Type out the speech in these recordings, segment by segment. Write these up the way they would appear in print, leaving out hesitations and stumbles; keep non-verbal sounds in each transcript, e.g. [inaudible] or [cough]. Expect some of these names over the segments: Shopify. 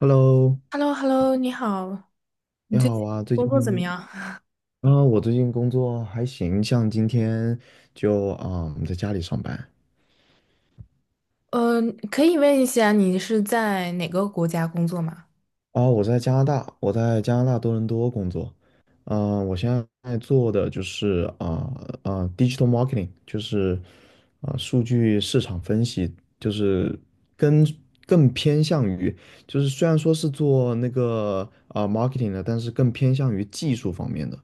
Hello，hello hello 你好，你你最近好啊，最工近作怎么样？[laughs] 我最近工作还行，像今天就我们在家里上班。呃，可以问一下你是在哪个国家工作吗？我在加拿大，我在加拿大多伦多工作，我现在做的就是digital marketing，就是数据市场分析，就是跟更偏向于，就是虽然说是做那个marketing 的，但是更偏向于技术方面的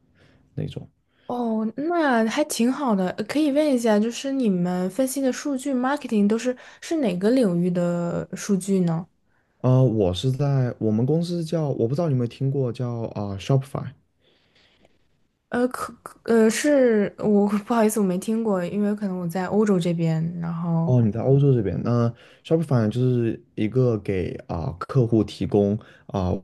那种。哦，那还挺好的。可以问一下，就是你们分析的数据 marketing 都是哪个领域的数据呢？我是在我们公司叫，我不知道你有没有听过叫Shopify。呃，可可呃是我 [laughs] 不好意思，我没听过，因为可能我在欧洲这边，然后哦，你在欧洲这边，那 Shopify 就是一个给客户提供啊、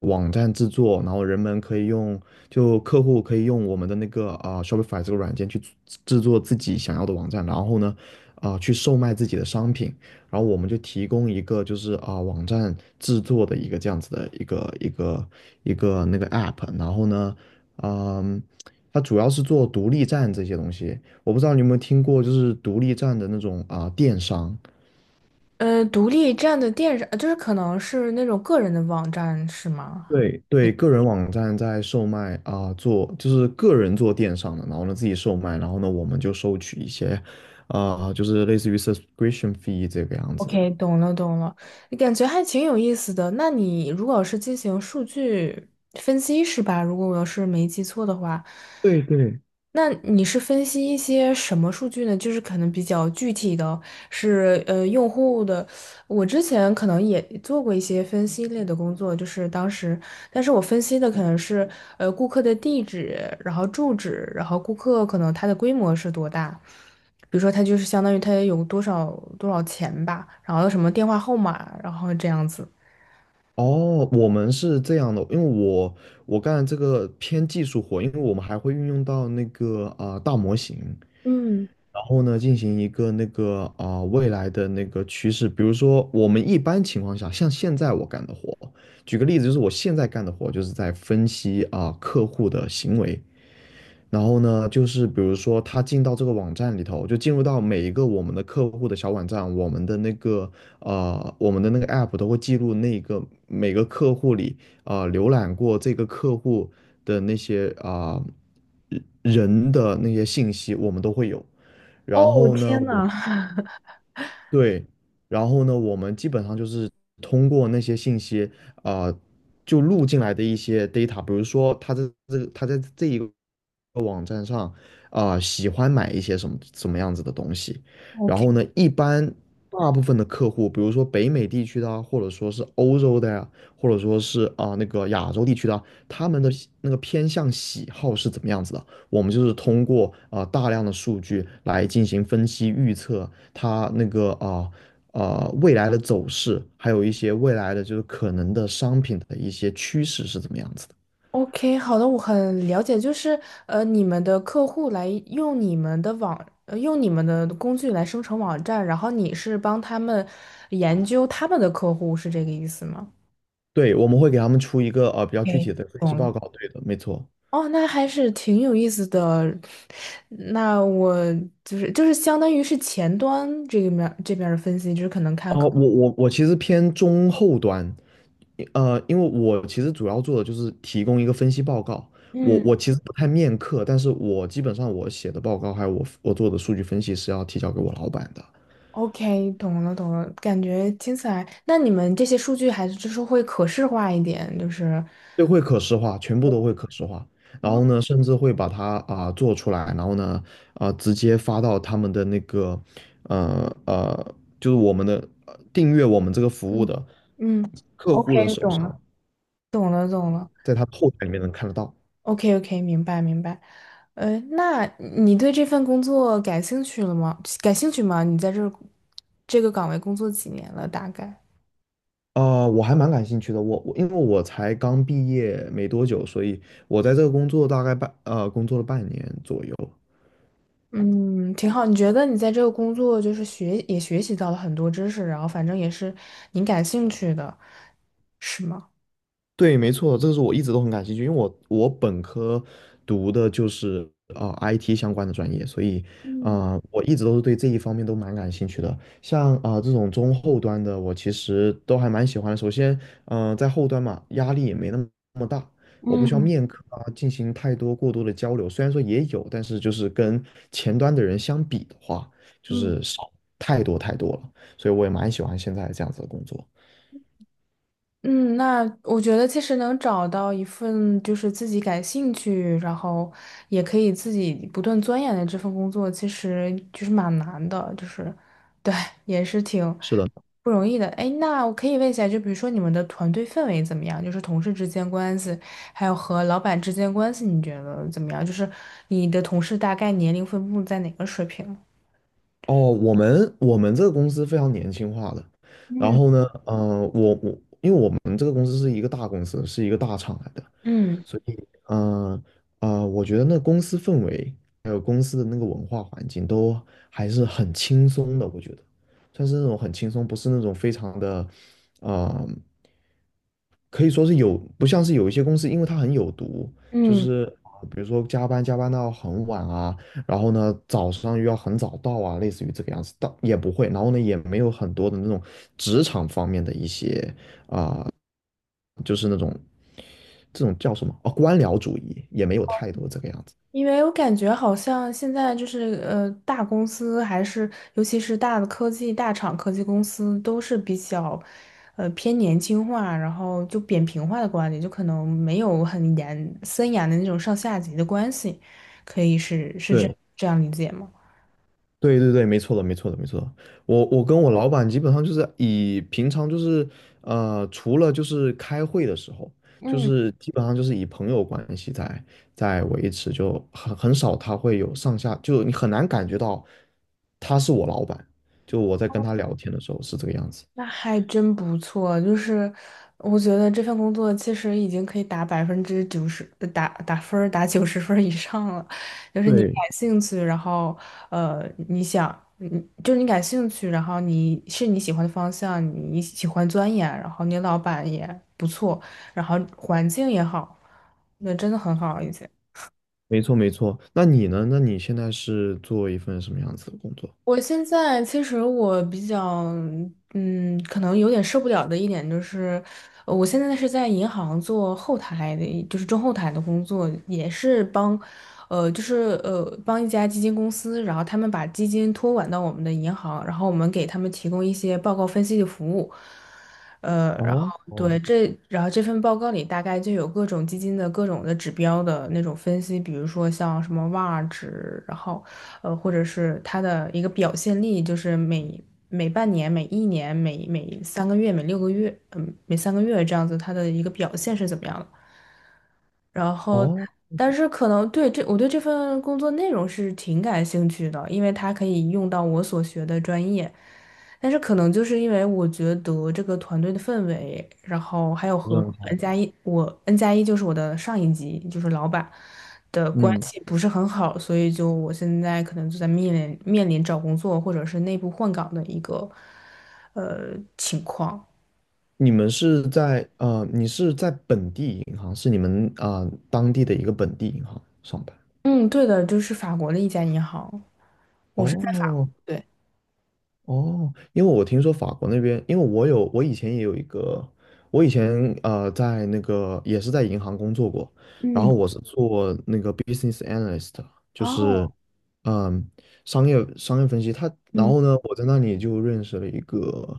网站制作，然后人们可以用，就客户可以用我们的那个Shopify 这个软件去制作自己想要的网站，然后呢去售卖自己的商品，然后我们就提供一个就是网站制作的一个这样子的一个那个 app，然后呢，嗯，它主要是做独立站这些东西。我不知道你有没有听过，就是独立站的那种电商，独立站的电商，就是可能是那种个人的网站是吗？对对，个人网站在售卖做就是个人做电商的，然后呢自己售卖，然后呢我们就收取一些就是类似于 subscription fee 这个样子的。OK，懂了懂了，感觉还挺有意思的。那你如果是进行数据分析是吧？如果我要是没记错的话，对对。那你是分析一些什么数据呢？就是可能比较具体的是，用户的。我之前可能也做过一些分析类的工作，就是当时，但是我分析的可能是，顾客的地址，然后住址，然后顾客可能他的规模是多大，比如说他就是相当于他有多少钱吧，然后什么电话号码，然后这样子。哦，我们是这样的，因为我干这个偏技术活，因为我们还会运用到那个大模型，嗯，然后呢，进行一个那个未来的那个趋势，比如说我们一般情况下，像现在我干的活，举个例子，就是我现在干的活就是在分析客户的行为，然后呢，就是比如说他进到这个网站里头，就进入到每一个我们的客户的小网站，我们的那个 app 都会记录那个每个客户里浏览过这个客户的那些人人的那些信息，我们都会有。然哦，我后呢，天我呐 [laughs] 对，然后呢，我们基本上就是通过那些信息啊、呃就录进来的一些 data，比如说他在这个他在这一个。网站上喜欢买一些什么什么样子的东西。然，OK。后呢，一般大部分的客户，比如说北美地区的啊，或者说是欧洲的呀、或者说是那个亚洲地区的啊他们的那个偏向喜好是怎么样子的？我们就是通过大量的数据来进行分析预测，它那个啊。未来的走势，还有一些未来的就是可能的商品的一些趋势是怎么样子的？OK，好的，我很了解，就是你们的客户来用你们的用你们的工具来生成网站，然后你是帮他们研究他们的客户，是这个意思吗对，我们会给他们出一个比较具体？OK，的分析懂报了。告。对的，没错。哦，那还是挺有意思的。[laughs] 那我就是相当于是前端这个面这边儿的分析，就是可能看客。哦，我其实偏中后端，因为我其实主要做的就是提供一个分析报告。我嗯其实不太面课，但是我基本上我写的报告还有我做的数据分析是要提交给我老板的。，OK，懂了懂了，感觉听起来，那你们这些数据还是就是会可视化一点，就是。对，会可视化，全部都会可视化。然哦后呢，甚至会把它做出来，然后呢直接发到他们的那个就是我们的订阅我们这个服务嗯的嗯客户的，OK，手懂了，上，懂了，懂了。在他后台里面能看得到。OK，OK，明白，明白。那你对这份工作感兴趣了吗？感兴趣吗？你在这儿这个岗位工作几年了？大概？我还蛮感兴趣的。我因为我才刚毕业没多久，所以我在这个工作大概工作了半年左右。嗯，挺好。你觉得你在这个工作就是也学习到了很多知识，然后反正也是你感兴趣的，是吗？对，没错，这个是我一直都很感兴趣，因为我本科读的就是IT 相关的专业，所以嗯我一直都是对这一方面都蛮感兴趣的。像这种中后端的，我其实都还蛮喜欢的。首先，在后端嘛，压力也没那么那么大，我不需要嗯。面课进行太多过多的交流。虽然说也有，但是就是跟前端的人相比的话，就嗯。是少太多太多了。所以我也蛮喜欢现在这样子的工作。嗯，那我觉得其实能找到一份就是自己感兴趣，然后也可以自己不断钻研的这份工作，其实就是蛮难的，就是对，也是挺是的。不容易的。哎，那我可以问一下，就比如说你们的团队氛围怎么样？就是同事之间关系，还有和老板之间关系，你觉得怎么样？就是你的同事大概年龄分布在哪个水平？哦，我们这个公司非常年轻化的，然嗯。后呢，呃，我因为我们这个公司是一个大公司，是一个大厂来的，嗯所以，我觉得那公司氛围还有公司的那个文化环境都还是很轻松的，我觉得算是那种很轻松，不是那种非常的，呃可以说是有，不像是有一些公司，因为它很有毒，就嗯。是比如说加班到很晚啊，然后呢早上又要很早到啊，类似于这个样子，倒也不会，然后呢也没有很多的那种职场方面的一些，就是那种这种叫什么哦，官僚主义也没有太多这个样子。因为我感觉好像现在就是大公司还是尤其是大的科技大厂、科技公司都是比较，偏年轻化，然后就扁平化的管理，就可能没有很严森严的那种上下级的关系，可以是这对，这样理解吗？对对对，没错的，没错的，没错的。我跟我老板基本上就是以平常就是呃，除了就是开会的时候，就嗯。是基本上就是以朋友关系在维持，就很少他会有上下，就你很难感觉到他是我老板。就我在跟他聊天的时候是这个样子。那还真不错，就是我觉得这份工作其实已经可以打90%，打90分儿以上了。就是你感对，兴趣，然后呃，你就是你感兴趣，然后你是你喜欢的方向，你喜欢钻研，然后你老板也不错，然后环境也好，那真的很好，已经。没错没错。那你呢？那你现在是做一份什么样子的工作？我现在其实我比较，嗯，可能有点受不了的一点就是，我现在是在银行做后台的，就是中后台的工作，也是帮，呃，就是呃，帮一家基金公司，然后他们把基金托管到我们的银行，然后我们给他们提供一些报告分析的服务，呃，然哦后哦对这，然后这份报告里大概就有各种基金的各种的指标的那种分析，比如说像什么 VaR 值，然后。或者是他的一个表现力，就是每半年、每一年、每三个月、每6个月，嗯，每三个月这样子，他的一个表现是怎么样的？然后，哦，但是可能我对这份工作内容是挺感兴趣的，因为它可以用到我所学的专业。但是可能就是因为我觉得这个团队的氛围，然后还有这和 样好。N 加一，我 N+1就是我的上一级，就是老板的关嗯。系不是很好，所以就我现在可能就在面临找工作或者是内部换岗的一个情况。你是在本地银行，是你们当地的一个本地银行上班。嗯，对的，就是法国的一家银行，我是在法国，哦对。哦，因为我听说法国那边，因为我以前也有一个，我以前在那个也是在银行工作过，然嗯。后我是做那个 business analyst，就哦，是嗯商业分析。他然嗯后呢，我在那里就认识了一个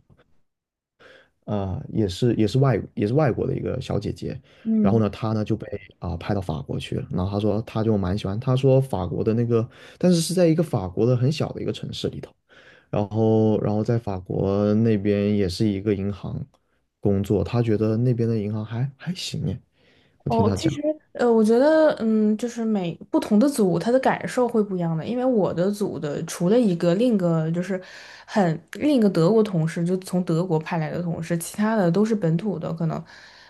啊，也是外国的一个小姐姐，然后嗯，呢，她呢就被派到法国去了，然后她说她就蛮喜欢，她说法国的那个，但是是在一个法国的很小的一个城市里头，然后在法国那边也是一个银行工作，她觉得那边的银行还行耶。我听哦，她其讲，实我觉得就是每不同的组，他的感受会不一样的。因为我的组的除了一个，另一个德国同事，就从德国派来的同事，其他的都是本土的，可能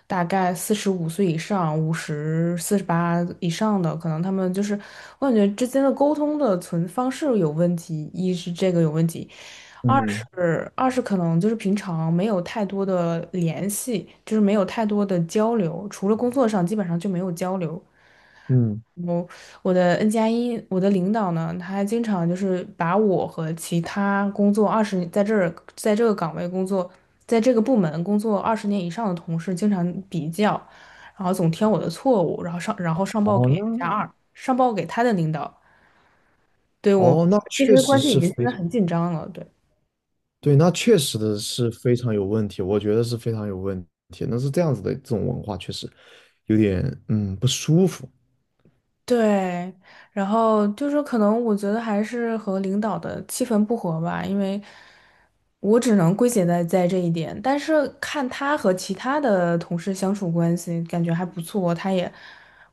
大概45岁以上、50、48以上的，可能他们就是我感觉之间的沟通的存方式有问题，一是这个有问题，二嗯是二是可能就是平常没有太多的联系，就是没有太多的交流，除了工作上基本上就没有交流。嗯，我我的 N 加一，我的领导呢，他还经常就是把我和其他工作二十在这儿在这个岗位工作，在这个部门工作20年以上的同事经常比较，然后总挑我的错误，然后上报哦给加那二，上报给他的领导，对我哦那其确实实关系已是经现非在常。很紧张了，对。对，那确实的是非常有问题，我觉得是非常有问题。那是这样子的，这种文化确实有点不舒服。对，然后就是可能我觉得还是和领导的气氛不合吧，因为我只能归结在这一点。但是看他和其他的同事相处关系，感觉还不错，他也，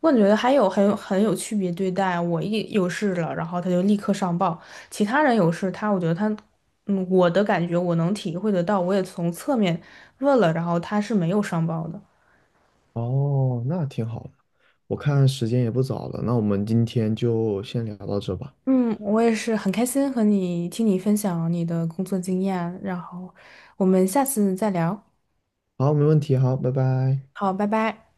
我感觉得还有很有区别对待。我一有事了，然后他就立刻上报；其他人有事，他我觉得他，我的感觉我能体会得到，我也从侧面问了，然后他是没有上报的。哦，那挺好的。我看时间也不早了，那我们今天就先聊到这吧。嗯，我也是很开心和你听你分享你的工作经验，然后我们下次再聊。好，没问题，好，拜拜。好，拜拜。